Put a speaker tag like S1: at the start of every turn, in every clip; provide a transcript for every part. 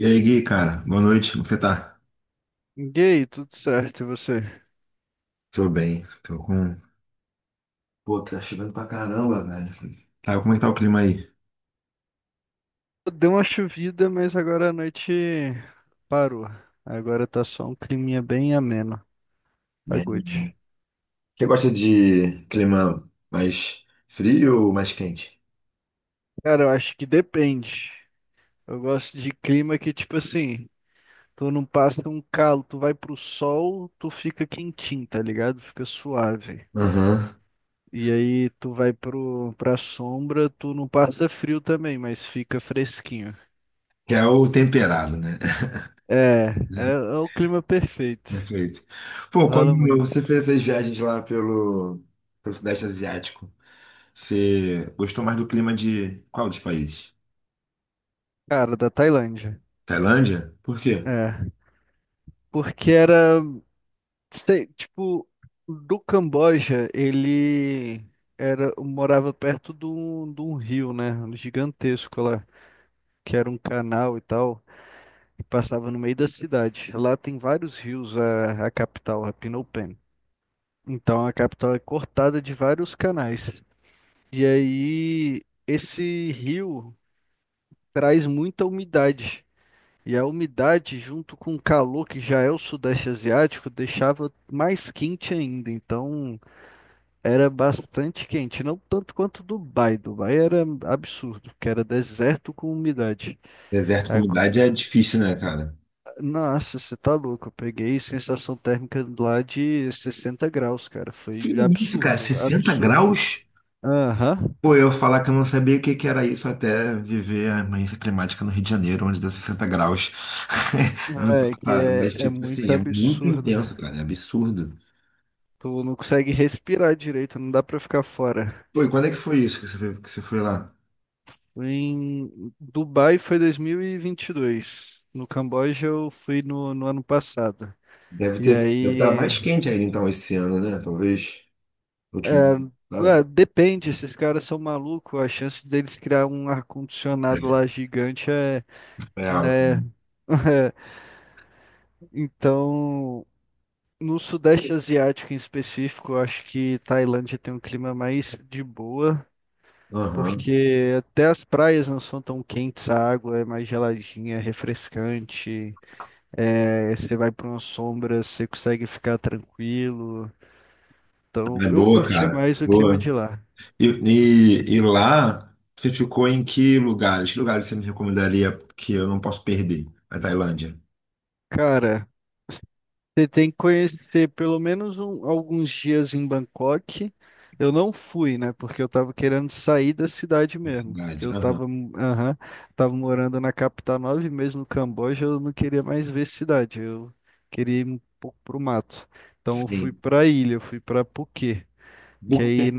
S1: E aí, Gui, cara, boa noite, como você tá?
S2: Gay, tudo certo, e você?
S1: Tô bem, tô com. Pô, tá chovendo pra caramba, velho. Tá, como é que tá o clima aí?
S2: Deu uma chovida, mas agora a noite parou. Agora tá só um climinha bem ameno. Tá
S1: Bem.
S2: good.
S1: Você gosta de clima mais frio ou mais quente?
S2: Cara, eu acho que depende. Eu gosto de clima que, tipo assim, tu não passa um calo, tu vai pro sol, tu fica quentinho, tá ligado? Fica suave.
S1: Aham.
S2: E aí tu vai pra sombra, tu não passa frio também, mas fica fresquinho.
S1: Que é o temperado, né?
S2: É, é, É o clima perfeito.
S1: Perfeito. Pô,
S2: Fala
S1: quando
S2: muito.
S1: você fez essas viagens lá pelo Sudeste Asiático, você gostou mais do clima de qual dos países?
S2: Cara, da Tailândia.
S1: Tailândia? Por quê?
S2: É. Porque era, sei, tipo, do Camboja, ele era, morava perto de de um rio, né? Gigantesco lá, que era um canal e tal, e passava no meio da cidade. Lá tem vários rios, a capital, a Phnom Penh. Então a capital é cortada de vários canais. E aí, esse rio traz muita umidade. E a umidade, junto com o calor que já é o Sudeste Asiático, deixava mais quente ainda. Então era bastante quente, não tanto quanto Dubai. Dubai era absurdo, que era deserto com umidade.
S1: Deserto com
S2: Ago-
S1: umidade é difícil, né, cara?
S2: Nossa, você tá louco. Eu peguei sensação térmica lá de 60 graus, cara.
S1: Que
S2: Foi
S1: isso, cara?
S2: absurdo,
S1: 60
S2: absurdo.
S1: graus?
S2: Aham.
S1: Pô, eu falar que eu não sabia o que que era isso até viver a emergência climática no Rio de Janeiro, onde deu 60 graus ano passado. Mas,
S2: É
S1: tipo
S2: muito
S1: assim, é muito
S2: absurdo.
S1: intenso, cara, é absurdo.
S2: Tu não consegue respirar direito, não dá pra ficar fora.
S1: Pô, e quando é que foi isso que você foi lá?
S2: Em Dubai foi dois mil e vinte e dois. No Camboja eu fui no ano passado.
S1: Deve
S2: E
S1: ter, deve estar
S2: aí,
S1: mais quente ainda, então, esse ano, né? Talvez, último, sabe?
S2: ué, depende, esses caras são malucos. A chance deles criar um ar-condicionado lá gigante é,
S1: É alto.
S2: né? Então, no Sudeste Asiático em específico, eu acho que Tailândia tem um clima mais de boa,
S1: Aham.
S2: porque até as praias não são tão quentes, a água é mais geladinha, é refrescante. É, você vai para uma sombra, você consegue ficar tranquilo. Então,
S1: É
S2: eu
S1: boa,
S2: curtia
S1: cara,
S2: mais o clima
S1: boa.
S2: de lá.
S1: E lá, você ficou em que lugares? Que lugares você me recomendaria que eu não posso perder? A Tailândia,
S2: Cara, você tem que conhecer pelo menos alguns dias em Bangkok. Eu não fui, né? Porque eu tava querendo sair da cidade
S1: a
S2: mesmo. Que
S1: cidade.
S2: eu
S1: Aham.
S2: tava, aham, tava morando na capital 9 meses no Camboja. Eu não queria mais ver cidade. Eu queria ir um pouco pro mato. Então eu fui
S1: Sim.
S2: pra ilha, eu fui pra Phuket. Que
S1: Buquê,
S2: aí,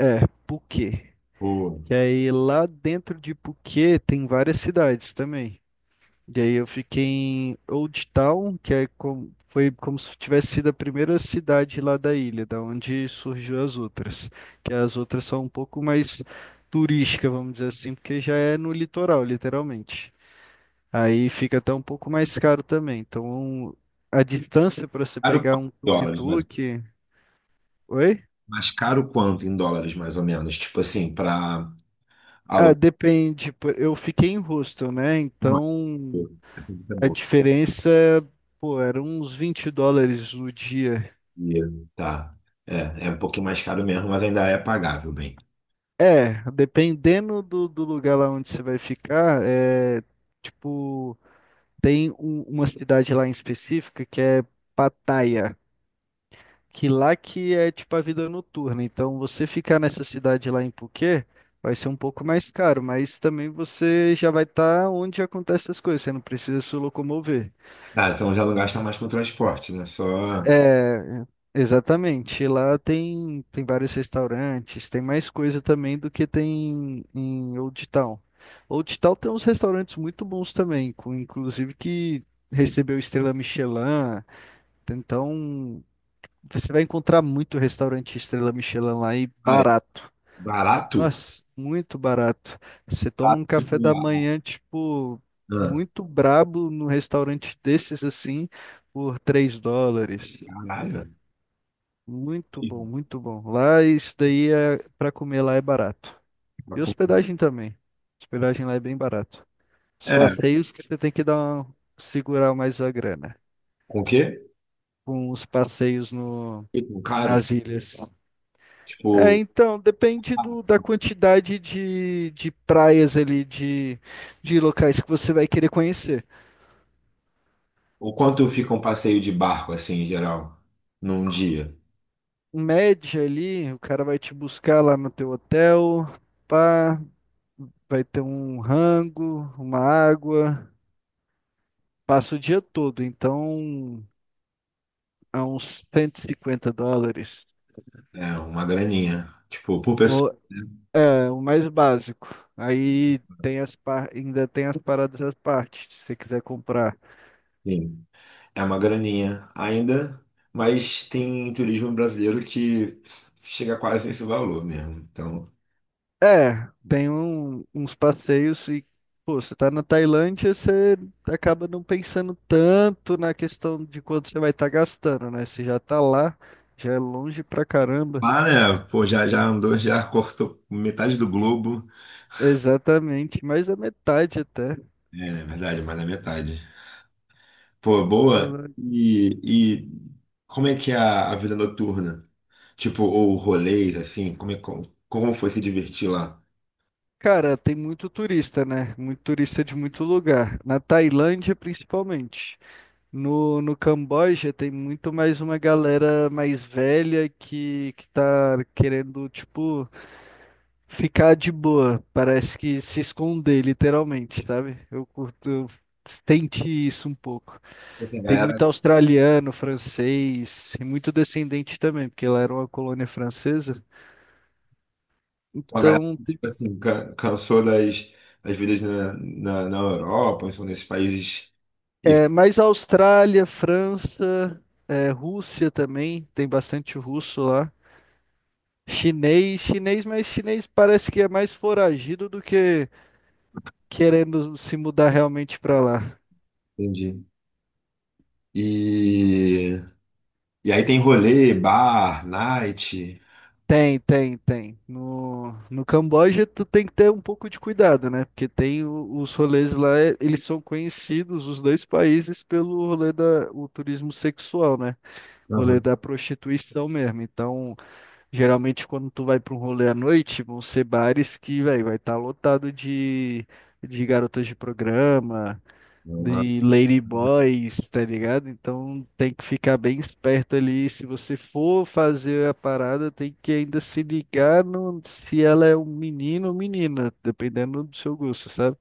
S2: é, Phuket.
S1: tipo,
S2: Que aí lá dentro de Phuket tem várias cidades também. E aí eu fiquei em Old Town, que é como, foi como se tivesse sido a primeira cidade lá da ilha, da onde surgiu as outras. Que as outras são um pouco mais turísticas, vamos dizer assim, porque já é no litoral, literalmente. Aí fica até um pouco mais caro também. Então a distância para você
S1: caro quanto
S2: pegar um
S1: em dólares,
S2: tuk-tuk. Oi?
S1: mas caro quanto em dólares, mais ou menos? Tipo assim, para
S2: Ah,
S1: alugar.
S2: depende. Eu fiquei em hostel, né?
S1: Não,
S2: Então
S1: tipo, essa dica é
S2: a
S1: boa.
S2: diferença, pô, era uns 20 dólares o dia.
S1: E, tá. É, é um pouquinho mais caro mesmo, mas ainda é pagável, bem.
S2: É, dependendo do, do lugar lá onde você vai ficar, é tipo, tem uma cidade lá em específica que é Pattaya, que lá que é tipo a vida noturna. Então, você ficar nessa cidade lá em Phuket vai ser um pouco mais caro, mas também você já vai estar onde acontecem as coisas, você não precisa se locomover.
S1: Ah, então já não gasta mais com transporte, né? Só.
S2: É, exatamente. Lá tem, tem vários restaurantes, tem mais coisa também do que tem em Old Town. Old Town tem uns restaurantes muito bons também, com, inclusive que recebeu estrela Michelin. Então, você vai encontrar muito restaurante estrela Michelin lá e
S1: Ah, é
S2: barato.
S1: barato?
S2: Nossa, muito barato. Você
S1: Tá,
S2: toma um
S1: tipo,
S2: café da manhã, tipo,
S1: ah,
S2: muito brabo num restaurante desses assim, por 3 dólares.
S1: caralho.
S2: Muito bom, muito bom. Lá isso daí é para comer lá é barato.
S1: Pra
S2: E
S1: comprar.
S2: hospedagem também. Hospedagem lá é bem barato. Os
S1: É,
S2: passeios que você tem que dar segurar mais a grana.
S1: com o quê?
S2: Com os passeios no
S1: Ficam caros?
S2: nas ilhas. É,
S1: Tipo,
S2: então, depende
S1: ah,
S2: do, da quantidade de praias ali, de locais que você vai querer conhecer.
S1: o quanto fica um passeio de barco, assim, em geral, num dia?
S2: Em média ali, o cara vai te buscar lá no teu hotel, pá, vai ter um rango, uma água. Passa o dia todo, então a uns 150 dólares.
S1: É uma graninha. Tipo, por pessoa.
S2: O,
S1: Né?
S2: é, o mais básico. Aí tem as ainda tem as paradas à parte, se você quiser comprar.
S1: Sim, é uma graninha ainda, mas tem turismo brasileiro que chega quase esse valor mesmo. Então,
S2: É, tem uns passeios e, pô, você tá na Tailândia, você acaba não pensando tanto na questão de quanto você vai estar gastando, né? Você já tá lá, já é longe pra caramba.
S1: lá, né? Pô, já andou, já cortou metade do globo.
S2: Exatamente, mais da metade até.
S1: É, na verdade, mais da metade. Pô,
S2: Tá
S1: boa.
S2: lá.
S1: E como é que é a vida noturna? Tipo, ou rolês, assim, como foi se divertir lá?
S2: Cara, tem muito turista, né? Muito turista de muito lugar. Na Tailândia, principalmente. No Camboja, tem muito mais uma galera mais velha que tá querendo, tipo, ficar de boa. Parece que se esconder, literalmente, sabe? Eu curto, eu senti isso um pouco.
S1: Essa
S2: Tem
S1: galera
S2: muito australiano, francês, e muito descendente também, porque lá era uma colônia francesa.
S1: uma galera
S2: Então,
S1: que, tipo assim, cansou das, das vidas na Europa, ou são nesses países. E,
S2: é, mas a Austrália, França, é, Rússia também, tem bastante russo lá. Chinês, chinês, mas chinês parece que é mais foragido do que querendo se mudar realmente para lá.
S1: entendi. E, e aí tem rolê, bar, night.
S2: Tem, tem, tem. No Camboja, tu tem que ter um pouco de cuidado, né? Porque tem os rolês lá, eles são conhecidos, os dois países, pelo rolê da, o turismo sexual, né? O rolê
S1: Aham.
S2: da prostituição mesmo. Então, geralmente, quando tu vai pra um rolê à noite, vão ser bares que, véi, vai estar lotado de garotas de programa,
S1: Aham.
S2: de ladyboys, tá ligado? Então tem que ficar bem esperto ali. Se você for fazer a parada, tem que ainda se ligar no, se ela é um menino ou menina, dependendo do seu gosto, sabe?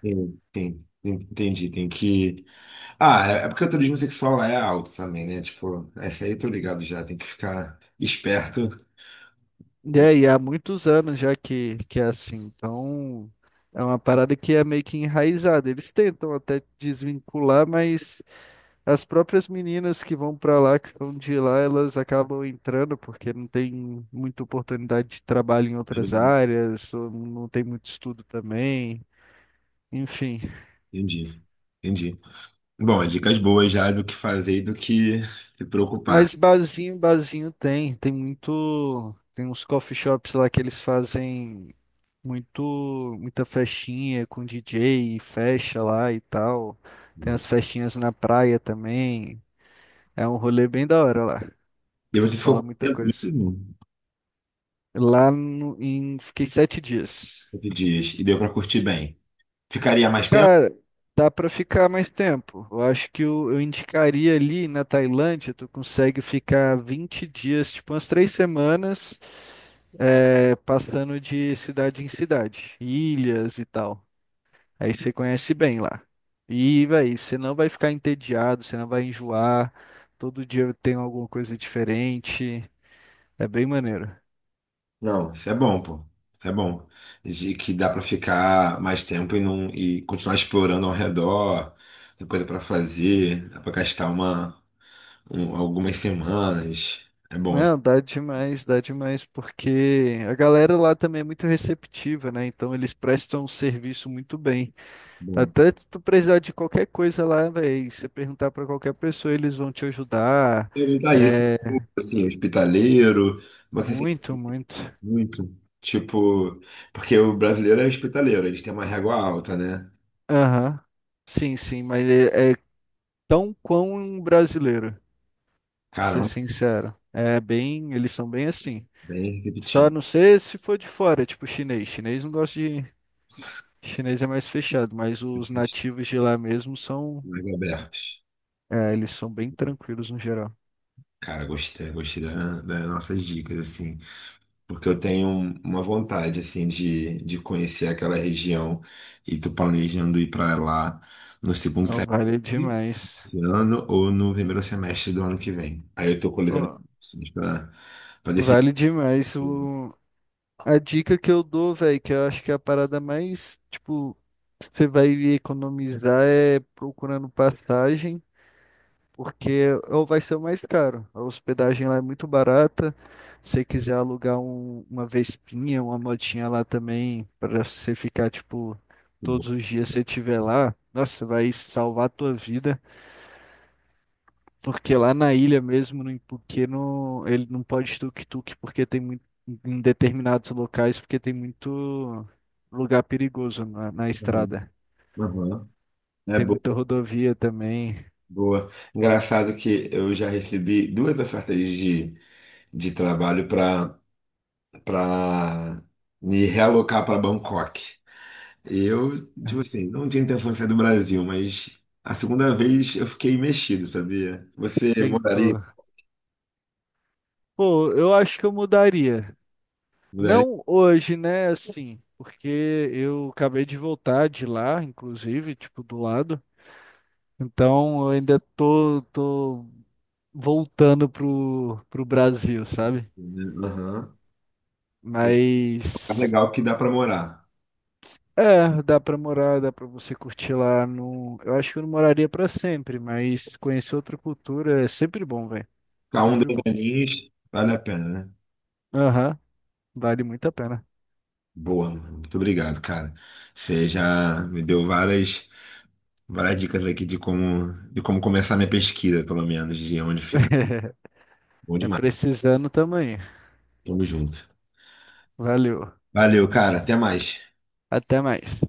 S1: Entendi, tem que. Ah, é porque o turismo sexual lá é alto também, né? Tipo, essa aí eu tô ligado já, tem que ficar esperto.
S2: E aí, há muitos anos já que é assim. Então, é uma parada que é meio que enraizada. Eles tentam até desvincular, mas as próprias meninas que vão pra lá, que são de lá, elas acabam entrando porque não tem muita oportunidade de trabalho em outras áreas, ou não tem muito estudo também, enfim.
S1: Entendi, entendi. Bom, as dicas boas já do que fazer e do que se preocupar.
S2: Mas barzinho, barzinho tem, tem muito, tem uns coffee shops lá que eles fazem muito, muita festinha com DJ e fecha lá e tal. Tem as festinhas na praia também. É um rolê bem da hora lá.
S1: E você ficou
S2: Fala
S1: com
S2: muita
S1: medo
S2: coisa.
S1: mesmo?
S2: Lá no- em. Fiquei 7 dias.
S1: 8 dias. E deu pra curtir bem. Ficaria mais tempo?
S2: Cara, dá pra ficar mais tempo. Eu acho que eu indicaria ali na Tailândia, tu consegue ficar 20 dias, tipo umas três semanas, é, passando de cidade em cidade, ilhas e tal. Aí você conhece bem lá. E, véi, você não vai ficar entediado, você não vai enjoar. Todo dia tem alguma coisa diferente. É bem maneiro.
S1: Não, isso é bom, pô. Isso é bom. De que dá pra ficar mais tempo e não e continuar explorando ao redor, tem coisa pra fazer, dá pra gastar algumas semanas. É bom, é
S2: Não, dá demais, porque a galera lá também é muito receptiva, né? Então eles prestam um serviço muito bem.
S1: bom.
S2: Até tu precisar de qualquer coisa lá, velho, você perguntar pra qualquer pessoa, eles vão te ajudar.
S1: Perguntar isso,
S2: É
S1: assim, hospitaleiro, como é que você sente
S2: muito, muito.
S1: muito? Tipo, porque o brasileiro é hospitaleiro, eles têm uma régua alta, né?
S2: Aham. Sim, sim, mas é tão quão um brasileiro, pra ser
S1: Caramba,
S2: sincero. É bem, eles são bem assim.
S1: bem
S2: Só
S1: receptivo,
S2: não sei se for de fora, tipo chinês. Chinês não gosta de. Chinês é mais fechado, mas os nativos de lá mesmo são,
S1: mais abertos.
S2: é, eles são bem tranquilos no geral.
S1: Cara, gostei, gostei das nossas dicas, assim, porque eu tenho uma vontade, assim, de conhecer aquela região e tô planejando ir para lá no segundo
S2: Então
S1: semestre
S2: vale demais.
S1: desse ano ou no primeiro semestre do ano que vem. Aí eu tô
S2: Ô,
S1: coletando para decidir.
S2: vale demais o a dica que eu dou, velho, que eu acho que é a parada mais, tipo, você vai economizar é procurando passagem. Porque ou vai ser o mais caro. A hospedagem lá é muito barata. Se você quiser alugar uma Vespinha, uma motinha lá também, para você ficar, tipo, todos os dias você estiver lá, nossa, vai salvar a tua vida. Porque lá na ilha mesmo, no Ipuque, não, ele não pode tuk-tuk, porque tem muito, em determinados locais, porque tem muito lugar perigoso na
S1: Aham,
S2: estrada.
S1: aham. É
S2: Tem muita
S1: boa,
S2: rodovia também.
S1: boa. Engraçado que eu já recebi duas ofertas de trabalho para para me realocar para Bangkok. Eu, tipo assim, não tinha intenção de sair do Brasil, mas a segunda vez eu fiquei mexido, sabia? Você moraria?
S2: Tentou. Pô, eu acho que eu mudaria.
S1: Moraria?
S2: Não hoje, né? Assim, porque eu acabei de voltar de lá, inclusive, tipo, do lado. Então, eu ainda tô voltando pro Brasil, sabe?
S1: Né? Aham. Tem um lugar
S2: Mas,
S1: legal que dá pra morar.
S2: é, dá pra morar, dá pra você curtir lá no... Eu acho que eu não moraria pra sempre, mas conhecer outra cultura é sempre bom, velho.
S1: Ficar um,
S2: Sempre
S1: dois
S2: bom.
S1: aninhos, vale a pena, né?
S2: Aham, vale muito a pena.
S1: Boa, mano. Muito obrigado, cara. Você já me deu várias dicas aqui de como começar minha pesquisa, pelo menos, de onde ficar. Bom
S2: É
S1: demais.
S2: precisando também.
S1: Tamo junto.
S2: Valeu.
S1: Valeu, cara. Até mais.
S2: Até mais.